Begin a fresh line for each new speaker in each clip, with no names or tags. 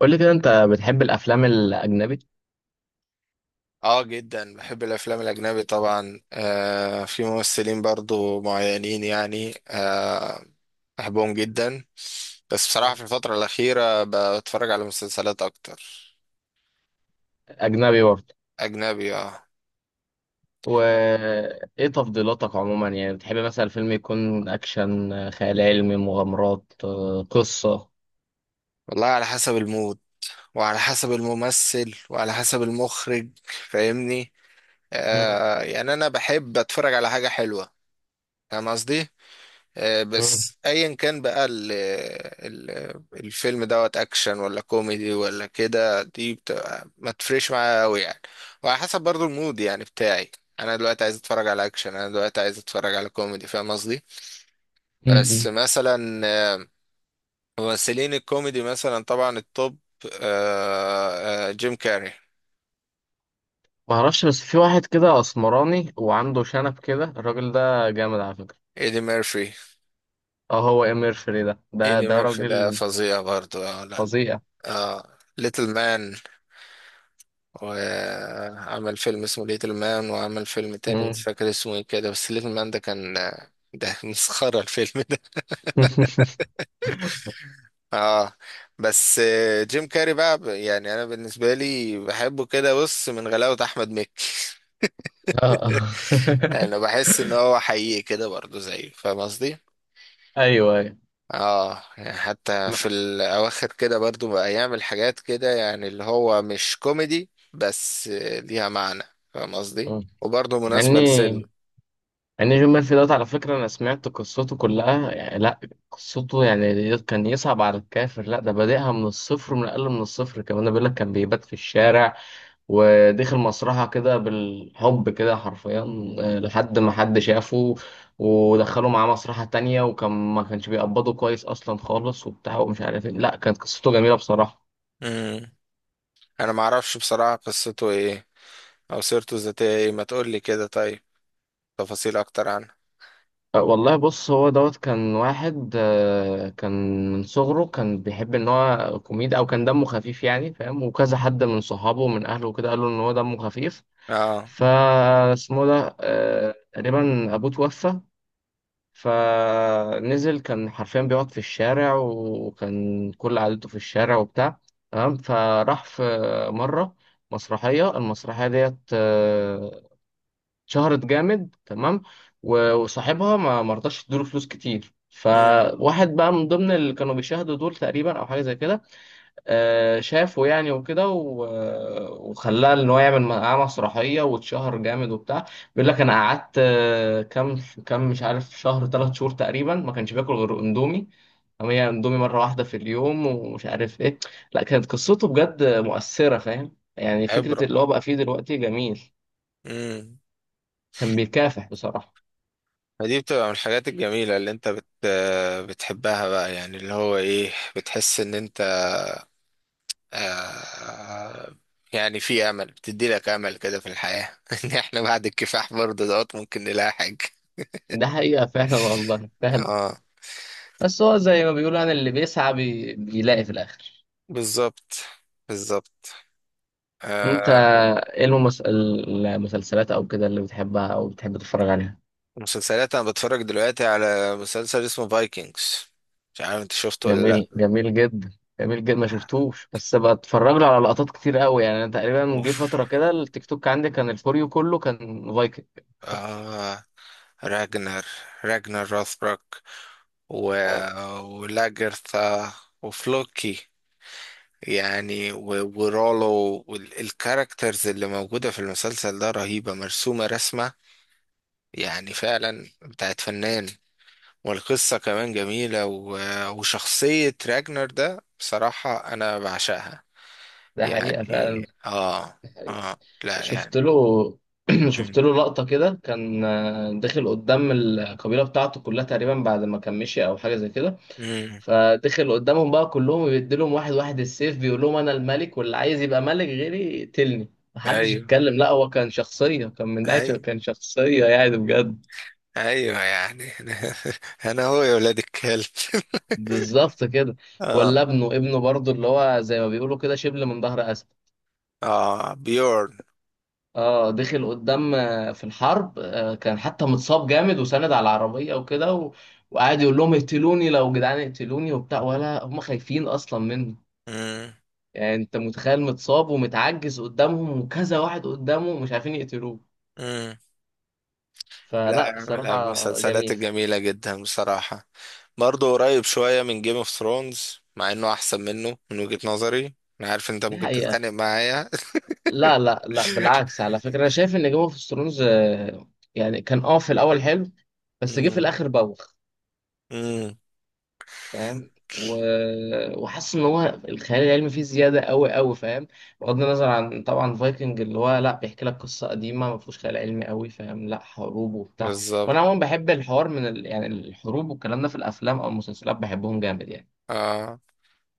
قول لي كده، انت بتحب الافلام الاجنبي؟
اه، جدا بحب الافلام الاجنبي طبعا، في ممثلين برضو معينين يعني، بحبهم جدا. بس بصراحة
مم.
في الفترة الأخيرة بتفرج على مسلسلات أكتر
اجنبي برضه؟
أجنبي، اه.
وايه تفضيلاتك عموما؟ يعني بتحب مثلا الفيلم يكون اكشن، خيال علمي، مغامرات، قصة؟
والله على حسب المود وعلى حسب الممثل وعلى حسب المخرج، فاهمني؟
مم.
يعني أنا بحب أتفرج على حاجة حلوة. فاهم قصدي؟
مم.
بس ايا كان بقى ال ال الفيلم دوت اكشن ولا كوميدي ولا كده، دي بتبقى ما تفرقش معايا قوي يعني. وعلى حسب برضو المود يعني بتاعي. انا دلوقتي عايز اتفرج على اكشن، انا دلوقتي عايز اتفرج على كوميدي. فاهم قصدي؟ بس
مم.
مثلا، آه، ممثلين الكوميدي مثلا طبعا التوب، جيم كاري،
ما اعرفش، بس في واحد كده اسمراني وعنده شنب كده، الراجل ده جامد على فكرة.
ايدي ميرفي.
اه، هو امير فري ده ده
ايدي
ده
ميرفي
راجل
ده فظيع برضو، اه لا.
فظيع.
اه، ليتل مان. وعمل فيلم اسمه ليتل مان، وعمل فيلم تاني مش
مم.
فاكر اسمه ايه كده، بس ليتل مان ده كان، ده مسخرة الفيلم ده. اه، بس جيم كاري بقى يعني انا بالنسبة لي بحبه كده، بص، من غلاوة احمد مكي.
اه، اه.
انا بحس ان هو حقيقي كده برضه زيه، فاهم قصدي؟
ايوه، ايوه.
اه، يعني حتى في
مع
الاواخر كده برضه بقى يعمل حاجات كده يعني، اللي هو مش كوميدي، بس ليها معنى. فاهم قصدي؟
مم.
وبرضه
مع
مناسبة.
اني يعني جون ميرفي دوت، على فكرة أنا سمعت قصته كلها، يعني لا. قصته يعني كان يصعب على الكافر، لا ده بادئها من الصفر، من أقل من الصفر كمان. بيقول لك كان بيبات في الشارع، ودخل مسرحة كده بالحب كده حرفيا، لحد ما حد شافه ودخله معاه مسرحة تانية، وكان ما كانش بيقبضه كويس أصلا خالص وبتاع ومش عارف إيه. لا كانت قصته جميلة بصراحة.
لسن، انا ما اعرفش بصراحة قصته ايه او سيرته الذاتية ايه. ما تقول لي كده طيب، تفاصيل اكتر عنه.
والله بص، هو دوت كان واحد، آه، كان من صغره كان بيحب ان هو كوميدي، او كان دمه خفيف يعني، فاهم؟ وكذا حد من صحابه ومن اهله وكده قالوا ان هو دمه خفيف.
اه.
فاسمه ده تقريبا ابوه توفى، فنزل، كان حرفيا بيقعد في الشارع، وكان كل عادته في الشارع وبتاع. تمام، فراح مرة مسرحية، المسرحية ديت شهرت جامد. تمام، و- وصاحبها ما مرضاش يديله فلوس كتير،
امم.
فواحد بقى من ضمن اللي كانوا بيشاهدوا دول تقريبا او حاجه زي كده، شافه يعني وكده، و- وخلاه ان هو يعمل معاه مسرحيه واتشهر جامد وبتاع. بيقول لك انا قعدت كام مش عارف، شهر، 3 شهور تقريبا، ما كانش باكل غير اندومي. هي اندومي مره واحده في اليوم ومش عارف ايه. لا كانت قصته بجد مؤثره، فاهم يعني فكره
عبرة.
اللي هو بقى فيه دلوقتي جميل.
امم.
كان بيكافح بصراحه.
فدي بتبقى من الحاجات الجميلة اللي انت بتحبها بقى، يعني اللي هو ايه، بتحس ان انت، آه، يعني في امل، بتدي لك امل كده في الحياة. ان احنا بعد الكفاح برضه دوت ممكن نلاقي حاجة.
ده حقيقة فعلا، والله فعلا.
اه.
بس هو زي ما بيقولوا يعني، اللي بيسعى بيلاقي في الآخر.
بالظبط، بالظبط.
أنت،
آه.
إيه المسلسلات أو كده اللي بتحبها أو بتحب تتفرج عليها؟
مسلسلات، انا بتفرج دلوقتي على مسلسل اسمه فايكنجز. مش عارف انت شفته ولا لا.
جميل، جميل جدا. جميل جدا، ما شفتوش، بس بتفرج له على لقطات كتير قوي، يعني أنا تقريبا جه
اوف،
فترة كده التيك توك عندي كان الفوريو كله كان فايكنج.
آه، راجنر راجنر راثبروك، و...
اه.
ولاجرثا، وفلوكي، يعني، ورولو، والكاركترز اللي موجودة في المسلسل ده رهيبة، مرسومة رسمة يعني فعلا بتاعت فنان. والقصة كمان جميلة، وشخصية راجنر ده بصراحة أنا بعشقها،
ده حقيقة فعلا.
يعني. اه، اه، لا
شفت
يعني.
له. شفت
مم.
له لقطة كده، كان داخل قدام القبيلة بتاعته كلها تقريبا، بعد ما كان مشي أو حاجة زي كده،
مم.
فدخل قدامهم بقى كلهم، بيديلهم واحد واحد السيف، بيقول لهم انا الملك، واللي عايز يبقى ملك غيري يقتلني، محدش
ايوه
يتكلم. لا هو كان شخصية، كان من ناحية
ايوه
كان شخصية يعني بجد.
ايوه يعني، انا هو يا ولاد الكلب.
بالظبط كده.
اه.
ولا ابنه، ابنه برضه اللي هو زي ما بيقولوا كده شبل من ظهر أسد.
اه، بيورن.
اه، دخل قدام في الحرب، كان حتى متصاب جامد وساند على العربية وكده وقعد يقول لهم اقتلوني لو جدعان، اقتلوني وبتاع، ولا هم خايفين اصلا منه.
مم.
يعني انت متخيل، متصاب ومتعجز قدامهم، وكذا واحد قدامه مش عارفين يقتلوه.
مم.
فلا
لا، من
بصراحة
المسلسلات
جميل.
الجميلة جدا بصراحة. برضه قريب شوية من جيم اوف ثرونز، مع انه احسن منه من وجهة نظري. انا عارف انت
دي
ممكن
حقيقة.
تتخانق معايا.
لا، لا، لا، بالعكس على فكرة، انا شايف ان جيم اوف ثرونز يعني كان، في الاول حلو، بس جه في
مم.
الاخر بوخ،
مم.
فاهم؟ و... وحاسس ان هو الخيال العلمي فيه زياده قوي قوي، فاهم؟ بغض النظر عن طبعا فايكنج اللي هو لا، بيحكي لك قصه قديمه ما فيهوش خيال علمي قوي، فاهم؟ لا، حروب وبتاع.
بالظبط.
وانا عموما بحب الحوار من يعني الحروب والكلام ده في الافلام او المسلسلات بحبهم جامد يعني.
اه.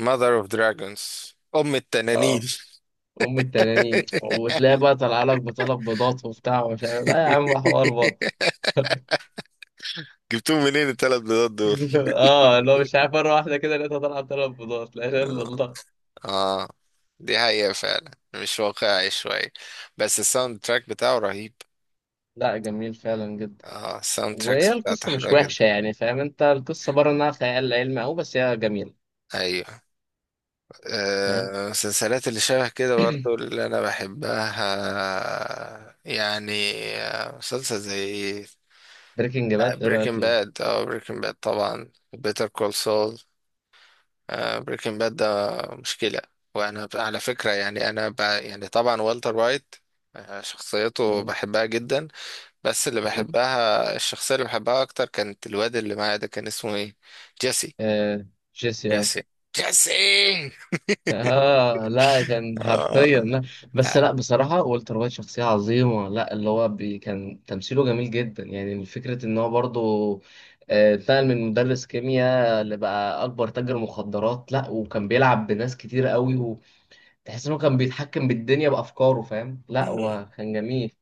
Mother of Dragons، أم التنانين.
اه، ام التنانين، وتلاقي بقى طالعه لك بطلب بيضات وبتاع ومش عارف، لا يا عم حوار برضه.
جبتهم منين التلات بيضات دول؟
اه، لو مش عارف، مره واحده كده لقيتها طالعه بطلب بيضات، لا اله الا
اه،
الله.
آه، دي حقيقة فعلا، مش واقعي شوية. بس الساوند تراك بتاعه رهيب.
لا، جميل فعلا جدا.
اه، الساوند
وهي
تراكس بتاعته
القصة مش
حلوة
وحشة،
جدا.
يعني فاهم انت القصة بره انها خيال علمي، او بس هي جميلة،
ايوه.
فاهم؟
المسلسلات اللي شبه كده برضو اللي انا بحبها يعني، مسلسل زي
بريكنج باد، ايه رأيك
بريكنج
فيه؟
باد، اه بريكنج باد طبعا، بيتر كول سول. بريكنج باد ده مشكلة. وأنا على فكرة يعني، أنا يعني طبعا والتر وايت، شخصيته
مم.
بحبها جدا. بس اللي
مم.
بحبها، الشخصية اللي بحبها أكتر، كانت الواد اللي معايا ده كان اسمه إيه؟ جيسي.
آه، جيسي، اه.
جيسي. جيسي.
آه، لا كان
آه.
حرفيا لا. بس
لا.
لا بصراحة والتر وايت شخصية عظيمة، لا اللي هو كان تمثيله جميل جدا، يعني فكرة ان هو برضه اتنقل من مدرس كيمياء لبقى اكبر تاجر مخدرات، لا وكان بيلعب بناس كتير قوي. وتحس انه كان بيتحكم بالدنيا بافكاره، فاهم؟ لا
مم.
هو كان جميل.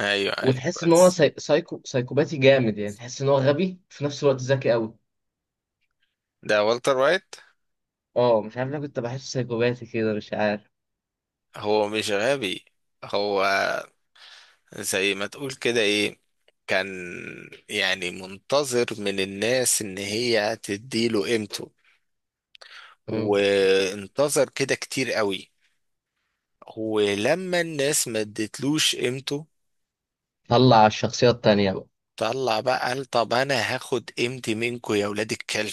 أيوه أيوه،
وتحس ان هو
بس.
سايكوباتي جامد، يعني تحس ان هو غبي في نفس الوقت، ذكي قوي.
ده والتر وايت.
اه، مش عارف ليه كنت بحسه سايكوباتي كده، مش عارف.
هو مش غبي، هو زي ما تقول كده إيه، كان يعني منتظر من الناس إن هي تديله قيمته،
مم.
وانتظر كده كتير قوي. ولما الناس ما ادتلوش قيمته،
طلع على الشخصية التانية بقى.
طلع بقى قال طب انا هاخد قيمتي منكم يا ولاد الكلب.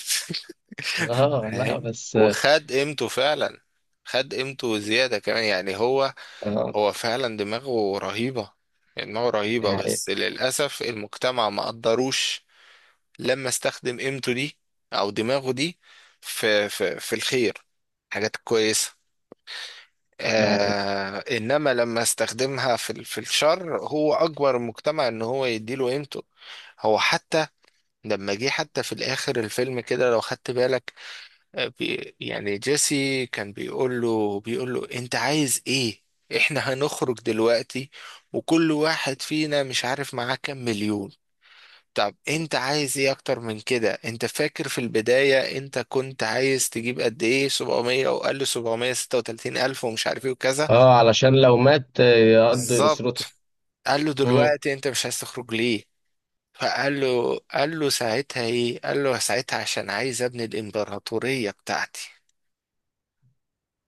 اه، لا
فاهم،
بس.
وخد قيمته فعلا. خد قيمته زيادة كمان يعني. هو،
اه،
هو فعلا دماغه رهيبة، دماغه
دي
رهيبة.
حقيقة.
بس للأسف المجتمع ما قدروش لما استخدم قيمته دي، أو دماغه دي، في في الخير، حاجات كويسة.
دي حقيقة.
آه، انما لما استخدمها في في الشر، هو اجبر المجتمع ان هو يديله قيمته. هو حتى، لما جه حتى في الاخر الفيلم كده، لو خدت بالك، بي يعني جيسي كان بيقول له، بيقول له انت عايز ايه؟ احنا هنخرج دلوقتي وكل واحد فينا مش عارف معاه كام مليون. طب انت عايز ايه اكتر من كده؟ انت فاكر في البداية انت كنت عايز تجيب قد ايه؟ 700، وقال له 736 الف، ومش عارف ايه وكذا.
اه، علشان لو مات، يقضي أسرته.
بالظبط. قال له
مم.
دلوقتي انت مش عايز تخرج ليه؟ فقال له، قال له ساعتها ايه؟ قال له ساعتها عشان عايز ابني الامبراطورية بتاعتي.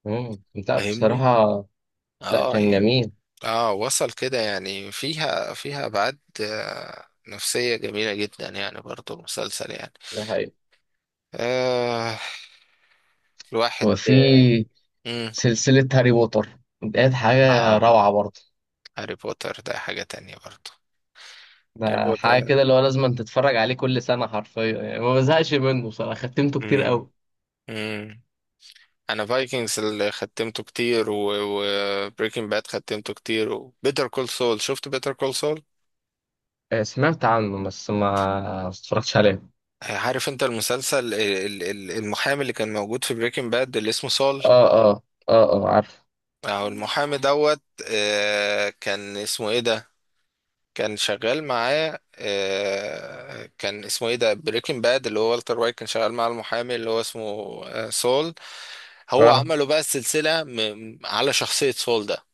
مم. لا
فاهمني؟
بصراحة. لا
اه
كان
يعني.
جميل.
اه، وصل كده يعني، فيها ابعاد نفسية جميلة جدا يعني، برضو المسلسل يعني.
ده حقيقة.
آه، الواحد،
وفي
امم.
سلسلة هاري بوتر ديت، حاجة
اه،
روعة برضه.
هاري بوتر ده حاجة تانية برضو. هاري
ده حاجة كده
بوتر،
اللي هو لازم تتفرج عليه كل سنة حرفيا يعني، ما بزهقش منه بصراحة، ختمته كتير قوي.
امم. انا فايكنجز اللي ختمته كتير، وبريكنج باد ختمته كتير، وبيتر كول سول. شفت بيتر كول سول؟
سمعت عنه بس ما اتفرجتش عليه.
عارف انت المسلسل المحامي اللي كان موجود في بريكنج باد، اللي اسمه سول.
اه، اه. اه، اه، عارف.
او المحامي دوت، كان اسمه ايه ده، كان شغال معاه، كان اسمه ايه ده؟ بريكنج باد اللي هو والتر وايت كان شغال مع المحامي اللي هو اسمه، سول. هو
اه.
عمله بقى السلسلة على شخصية سول ده،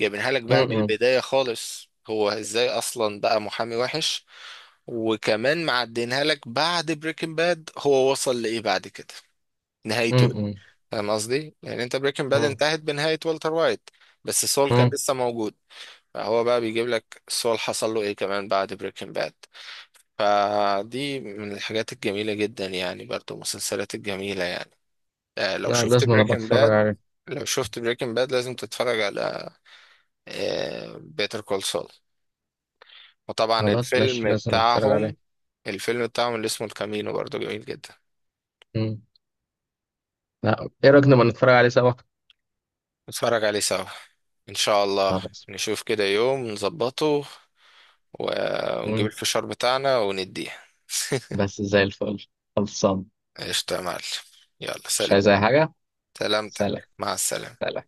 جايبينها لك بقى من
م-م.
البداية خالص، هو ازاي اصلا بقى محامي وحش. وكمان معدينها لك بعد بريكنج باد هو وصل لإيه بعد كده، نهايته إيه؟
م-م.
فاهم قصدي؟ يعني انت بريكنج باد
م-م.
انتهت بنهاية والتر وايت، بس سول كان
م.
لسه موجود. فهو بقى بيجيب لك سول حصل له ايه كمان بعد بريكنج باد. فدي من الحاجات الجميلة جدا يعني، برضو المسلسلات الجميلة يعني. لو
لا
شفت
لازم، انا
بريكنج
بتفرج
باد،
عليه.
لو شفت بريكنج باد لازم تتفرج على بيتر كول سول. وطبعا
خلاص ماشي،
الفيلم
لازم اتفرج عليه.
بتاعهم، الفيلم بتاعهم اللي اسمه الكامينو برضو جميل جدا.
م. لا، ايه رأيك نبقى نتفرج عليه سوا؟
نتفرج عليه سوا، ان شاء الله.
خلاص.
نشوف كده يوم نظبطه، ونجيب
م.
الفشار بتاعنا ونديه.
بس زي الفل. خلصان.
قشطة يا معلم. يلا
مش
سلام.
عايز اي حاجة.
سلامتك.
سلام.
مع السلامة.
سلام.